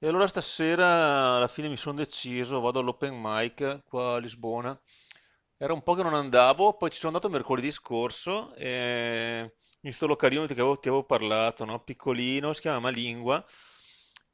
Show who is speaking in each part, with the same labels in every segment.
Speaker 1: E allora stasera alla fine mi sono deciso, vado all'open mic qua a Lisbona. Era un po' che non andavo, poi ci sono andato mercoledì scorso e in sto localino ti avevo parlato, no? Piccolino, si chiama Malingua.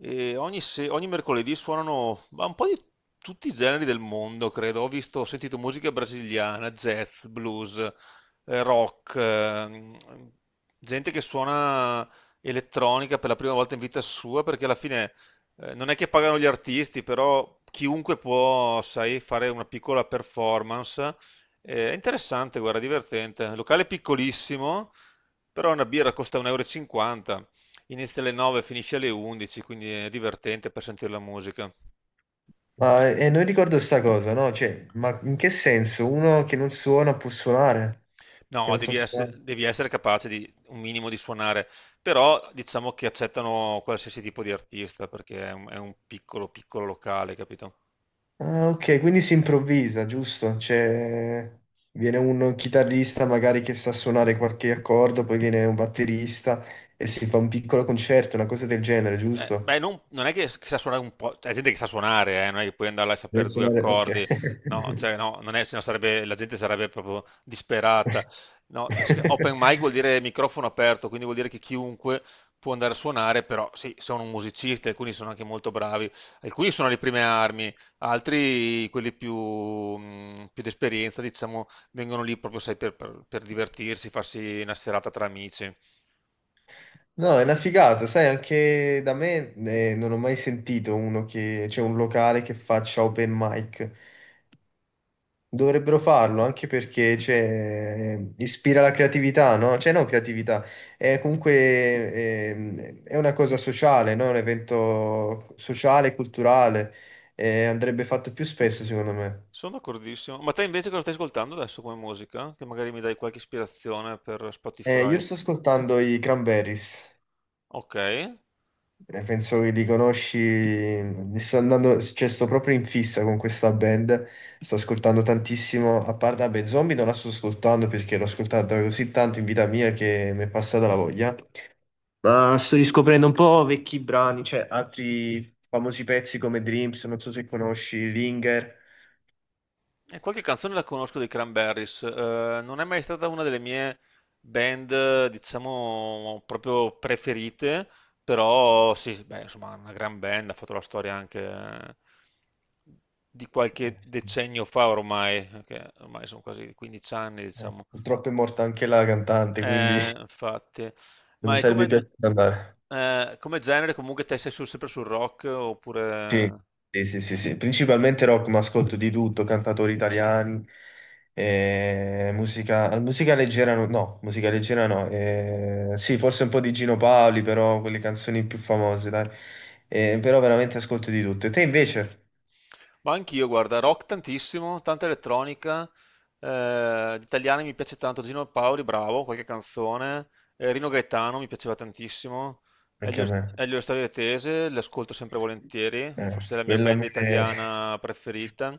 Speaker 1: E ogni, se- ogni mercoledì suonano ma un po' di tutti i generi del mondo, credo. Ho visto, ho sentito musica brasiliana, jazz, blues, rock, gente che suona elettronica per la prima volta in vita sua, perché alla fine non è che pagano gli artisti, però chiunque può, sai, fare una piccola performance. È interessante, guarda, divertente. Locale piccolissimo, però una birra costa 1,50 euro. E cinquanta. Inizia alle 9, finisce alle 11, quindi è divertente per sentire la musica.
Speaker 2: Ma non ricordo sta cosa, no? Cioè, ma in che senso? Uno che non suona può suonare? Che
Speaker 1: No,
Speaker 2: non sa
Speaker 1: devi essere,
Speaker 2: suonare?
Speaker 1: devi essere capace di un minimo di suonare, però diciamo che accettano qualsiasi tipo di artista perché è un piccolo, piccolo locale, capito?
Speaker 2: Ah, ok, quindi si improvvisa, giusto? Cioè, viene un chitarrista magari che sa suonare qualche accordo, poi viene un batterista e si fa un piccolo concerto, una cosa del genere,
Speaker 1: Eh,
Speaker 2: giusto?
Speaker 1: beh, non, non è che sa suonare un po', c'è gente che sa suonare, non è che puoi andare là a
Speaker 2: Deve
Speaker 1: sapere due
Speaker 2: suonare. Ok.
Speaker 1: accordi, no, cioè, no, non è, sennò sarebbe, la gente sarebbe proprio disperata. No, che open mic vuol dire microfono aperto, quindi vuol dire che chiunque può andare a suonare, però sì, sono musicisti, alcuni sono anche molto bravi, alcuni sono alle prime armi, altri, quelli più, più d'esperienza, diciamo, vengono lì proprio, sai, per divertirsi, farsi una serata tra amici.
Speaker 2: No, è una figata, sai, anche da me non ho mai sentito c'è un locale che faccia open mic. Dovrebbero farlo anche perché cioè, ispira la creatività, no? Cioè, no, creatività, è comunque è una cosa sociale, no? Un evento sociale, e culturale, andrebbe fatto più spesso, secondo me.
Speaker 1: Sono d'accordissimo. Ma te invece cosa stai ascoltando adesso come musica? Che magari mi dai qualche ispirazione per
Speaker 2: Io
Speaker 1: Spotify.
Speaker 2: sto ascoltando i Cranberries,
Speaker 1: Ok. E
Speaker 2: penso che li conosci, li sto andando, cioè, sto proprio in fissa con questa band, sto ascoltando tantissimo, a parte, vabbè, Zombie non la sto ascoltando perché l'ho ascoltata così tanto in vita mia che mi è passata la voglia. Ma sto riscoprendo un po' vecchi brani, cioè altri famosi pezzi come Dreams, non so se conosci, Linger.
Speaker 1: qualche canzone la conosco dei Cranberries. Non è mai stata una delle mie band, diciamo, proprio preferite, però sì, beh, insomma, una gran band, ha fatto la storia anche di qualche decennio fa ormai, che ormai sono quasi 15 anni,
Speaker 2: Eh,
Speaker 1: diciamo.
Speaker 2: purtroppo è morta anche la cantante, quindi
Speaker 1: Infatti.
Speaker 2: non
Speaker 1: Ma
Speaker 2: mi
Speaker 1: è
Speaker 2: sarebbe
Speaker 1: come...
Speaker 2: piaciuto andare.
Speaker 1: Come genere comunque te sei sempre sul rock
Speaker 2: Sì,
Speaker 1: oppure...
Speaker 2: sì, sì, sì, sì. Principalmente rock, ma ascolto di tutto, cantatori italiani, musica leggera no, no, musica leggera no, sì, forse un po' di Gino Paoli, però quelle canzoni più famose, dai. Però veramente ascolto di tutto. E te invece?
Speaker 1: Ma anch'io, guarda, rock tantissimo, tanta elettronica, gli italiani mi piace tanto, Gino Paoli, bravo, qualche canzone, Rino Gaetano mi piaceva tantissimo,
Speaker 2: Anche
Speaker 1: Elio,
Speaker 2: a me.
Speaker 1: Elio Storia Tese, l'ascolto sempre volentieri, forse è
Speaker 2: Eh,
Speaker 1: la mia
Speaker 2: quello a
Speaker 1: band
Speaker 2: me...
Speaker 1: italiana preferita,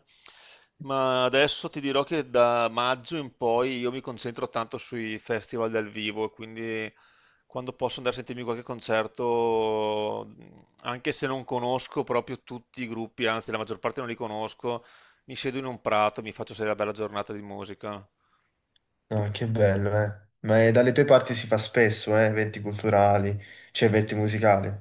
Speaker 1: ma adesso ti dirò che da maggio in poi io mi concentro tanto sui festival dal vivo, quindi... quando posso andare a sentirmi qualche concerto, anche se non conosco proprio tutti i gruppi, anzi la maggior parte non li conosco, mi siedo in un prato, mi faccio sedere una bella giornata di musica.
Speaker 2: No, che bello, eh. Ma dalle tue parti si fa spesso, eventi culturali, cioè eventi musicali.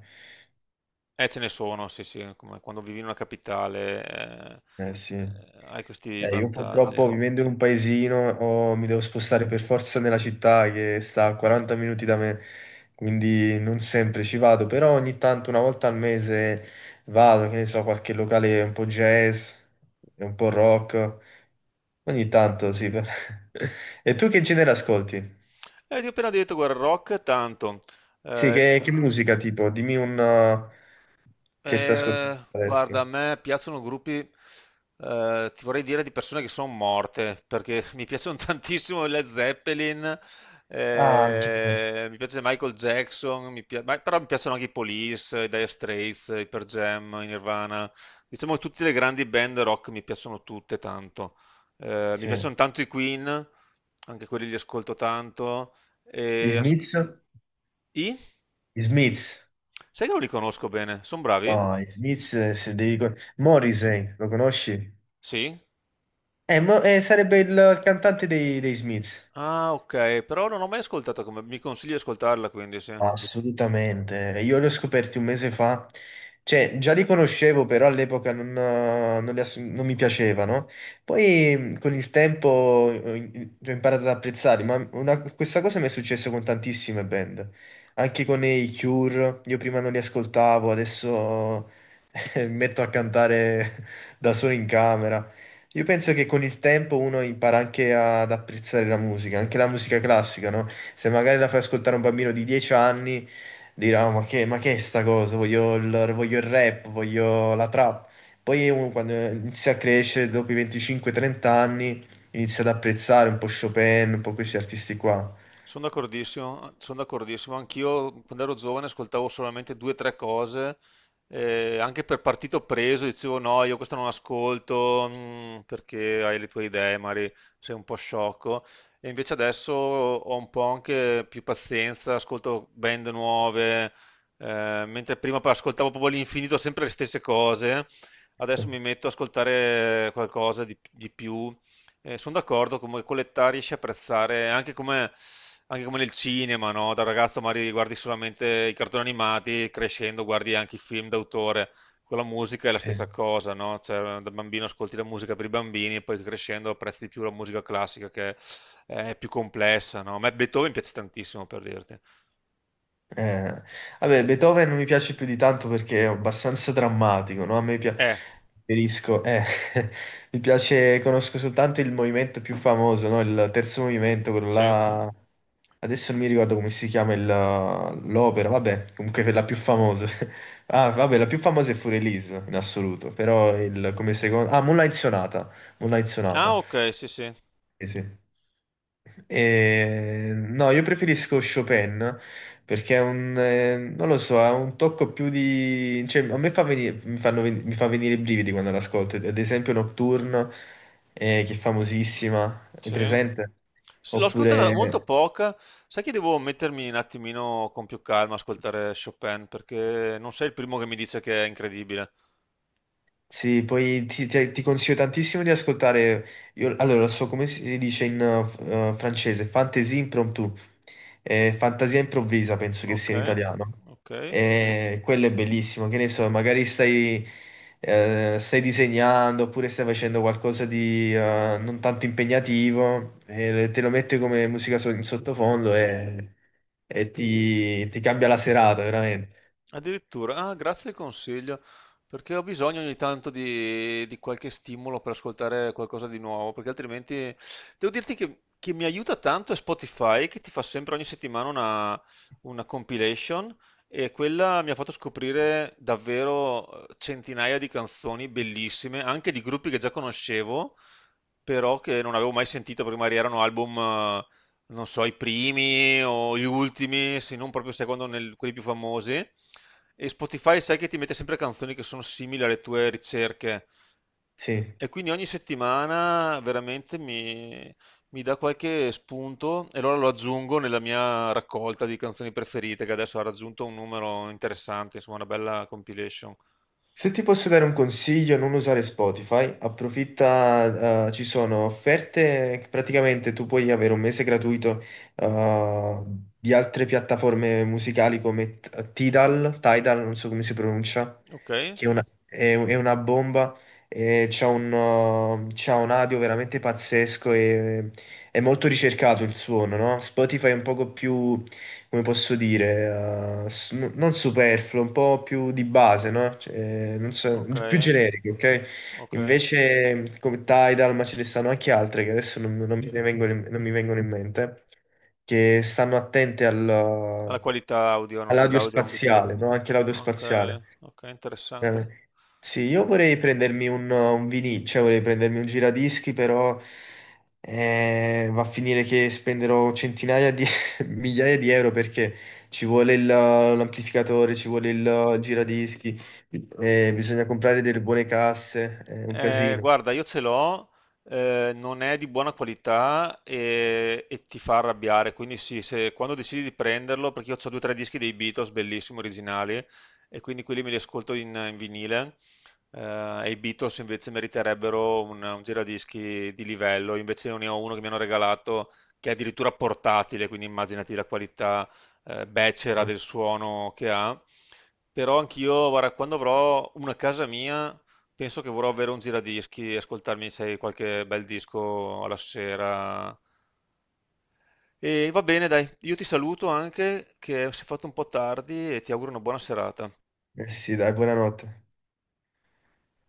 Speaker 1: Ce ne sono, sì, sì, come quando vivi in una capitale, eh,
Speaker 2: Eh sì.
Speaker 1: eh, hai questi
Speaker 2: Io
Speaker 1: vantaggi.
Speaker 2: purtroppo vivendo in un paesino oh, mi devo spostare per forza nella città che sta a 40 minuti da me, quindi non sempre ci vado, però ogni tanto, una volta al mese, vado, che ne so, qualche locale un po' jazz, un po' rock, ogni tanto sì. E tu che genere ascolti?
Speaker 1: Ti ho appena detto, guarda, rock tanto.
Speaker 2: Sì,
Speaker 1: Eh,
Speaker 2: che musica tipo? Dimmi un che stai ascoltando
Speaker 1: Guarda, a
Speaker 2: adesso.
Speaker 1: me piacciono gruppi, ti vorrei dire di persone che sono morte, perché mi piacciono tantissimo i Led Zeppelin,
Speaker 2: Ah, anche te.
Speaker 1: mi piace Michael Jackson, però mi piacciono anche i Police, i Dire Straits, i Pearl Jam, i Nirvana. Diciamo che tutte le grandi band rock mi piacciono tutte tanto. Mi
Speaker 2: Sì.
Speaker 1: piacciono tanto i Queen, anche quelli li ascolto tanto.
Speaker 2: Gli
Speaker 1: E as-
Speaker 2: Smiths?
Speaker 1: I?
Speaker 2: Gli Smiths.
Speaker 1: Sai che non li conosco bene, sono bravi?
Speaker 2: No, gli Smiths, se devi... con- Morrissey, lo conosci?
Speaker 1: Sì?
Speaker 2: Sarebbe il cantante dei Smiths.
Speaker 1: Ah, okay, però non ho mai ascoltato, come mi consigli di ascoltarla quindi, sì.
Speaker 2: Assolutamente, io li ho scoperti un mese fa, cioè già li conoscevo, però all'epoca non, non li ass- non mi piacevano. Poi con il tempo ho imparato ad apprezzarli, ma questa cosa mi è successa con tantissime band, anche con i Cure, io prima non li ascoltavo, adesso mi metto a cantare da solo in camera. Io penso che con il tempo uno impara anche ad apprezzare la musica, anche la musica classica, no? Se magari la fai ascoltare a un bambino di 10 anni, dirà, "Oh, ma che è sta cosa? Voglio il rap, voglio la trap." Poi uno quando inizia a crescere, dopo i 25-30 anni, inizia ad apprezzare un po' Chopin, un po' questi artisti qua.
Speaker 1: Sono d'accordissimo, sono d'accordissimo. Anch'io quando ero giovane ascoltavo solamente due o tre cose, anche per partito preso dicevo no, io questo non ascolto, perché hai le tue idee, magari sei un po' sciocco. E invece adesso ho un po' anche più pazienza, ascolto band nuove, mentre prima ascoltavo proprio all'infinito sempre le stesse cose, adesso mi metto ad ascoltare qualcosa di più. Sono d'accordo, come con l'età riesci a apprezzare anche come, nel cinema, no? Da ragazzo magari guardi solamente i cartoni animati, crescendo guardi anche i film d'autore. Con la musica è la
Speaker 2: Sì.
Speaker 1: stessa cosa, no? Cioè, da bambino ascolti la musica per i bambini e poi crescendo apprezzi di più la musica classica, che è più complessa, no? A me Beethoven piace tantissimo, per dirti.
Speaker 2: Eh, vabbè, Beethoven non mi piace più di tanto perché è abbastanza drammatico, no? A me pia-
Speaker 1: Eh,
Speaker 2: preferisco, mi piace, conosco soltanto il movimento più famoso, no? Il terzo movimento, quello
Speaker 1: sì.
Speaker 2: là, adesso non mi ricordo come si chiama l'opera, vabbè, comunque quella più famosa. Ah, vabbè, la più famosa è Fu Release in assoluto, però come secondo. Ah, Moonlight Sonata, Moonlight
Speaker 1: Ah,
Speaker 2: Sonata,
Speaker 1: ok, sì, sì.
Speaker 2: sì, sì. No, io preferisco Chopin perché è un, non lo so, ha un tocco più di, cioè, a me fa venire, mi fanno ven- mi fa venire i brividi quando l'ascolto, ad esempio Nocturne, che è famosissima, è
Speaker 1: Sì.
Speaker 2: presente? Sì.
Speaker 1: Sì, l'ho ascoltata molto
Speaker 2: Oppure.
Speaker 1: poca, sai che devo mettermi un attimino con più calma a ascoltare Chopin perché non sei il primo che mi dice che è incredibile.
Speaker 2: Sì, poi ti consiglio tantissimo di ascoltare. Io, allora, lo so come si dice in francese, fantasie impromptu, fantasia improvvisa, penso che
Speaker 1: Ok,
Speaker 2: sia in italiano.
Speaker 1: ok.
Speaker 2: E quello è bellissimo, che ne so, magari stai disegnando oppure stai facendo qualcosa di non tanto impegnativo, e te lo metti come musica in sottofondo e, e ti cambia la serata, veramente.
Speaker 1: Addirittura, ah, grazie del consiglio, perché ho bisogno ogni tanto di qualche stimolo per ascoltare qualcosa di nuovo, perché altrimenti devo dirti che, mi aiuta tanto è Spotify, che ti fa sempre ogni settimana una compilation e quella mi ha fatto scoprire davvero centinaia di canzoni bellissime, anche di gruppi che già conoscevo, però che non avevo mai sentito perché magari erano album non so, i primi o gli ultimi, se non proprio secondo nel- quelli più famosi. E Spotify sai che ti mette sempre canzoni che sono simili alle tue ricerche.
Speaker 2: Sì.
Speaker 1: E quindi ogni settimana veramente mi dà qualche spunto e allora lo aggiungo nella mia raccolta di canzoni preferite, che adesso ha raggiunto un numero interessante, insomma, una bella compilation.
Speaker 2: Se ti posso dare un consiglio, non usare Spotify, approfitta, ci sono offerte che praticamente tu puoi avere un mese gratuito, eh, di altre piattaforme musicali come Tidal, Tidal, non so come si pronuncia,
Speaker 1: Ok,
Speaker 2: che è una bomba, e c'ha un audio veramente pazzesco e è molto ricercato il suono, no? Spotify è un poco più come posso dire, non superfluo, un po' più di base, no? Cioè, non so,
Speaker 1: ok,
Speaker 2: più generiche, ok?
Speaker 1: ok.
Speaker 2: Invece come Tidal, ma ce ne stanno anche altre che adesso non mi vengono in mente, che stanno attente
Speaker 1: Alla qualità audio, una qualità
Speaker 2: all'audio
Speaker 1: audio.
Speaker 2: spaziale, no? Anche l'audio
Speaker 1: Ok,
Speaker 2: spaziale.
Speaker 1: ok,
Speaker 2: Eh,
Speaker 1: interessante.
Speaker 2: Sì, io vorrei prendermi un vinil, cioè vorrei prendermi un giradischi, però va a finire che spenderò centinaia di migliaia di euro perché ci vuole l'amplificatore, ci vuole il giradischi, bisogna comprare delle buone casse, è un casino.
Speaker 1: Guarda, io ce l'ho, non è di buona qualità e ti fa arrabbiare, quindi sì, se, quando decidi di prenderlo, perché io ho due o tre dischi dei Beatles, bellissimi, originali, e quindi quelli me li ascolto in, in vinile, e i Beatles invece meriterebbero un giradischi di livello, invece io ne ho uno che mi hanno regalato che è addirittura portatile, quindi immaginati la qualità becera del suono che ha, però anch'io, guarda, quando avrò una casa mia... Penso che vorrò avere un giradischi e ascoltarmi, sai, qualche bel disco alla sera. E va bene, dai, io ti saluto anche, che si è fatto un po' tardi e ti auguro una buona serata.
Speaker 2: Eh sì, dai, buonanotte.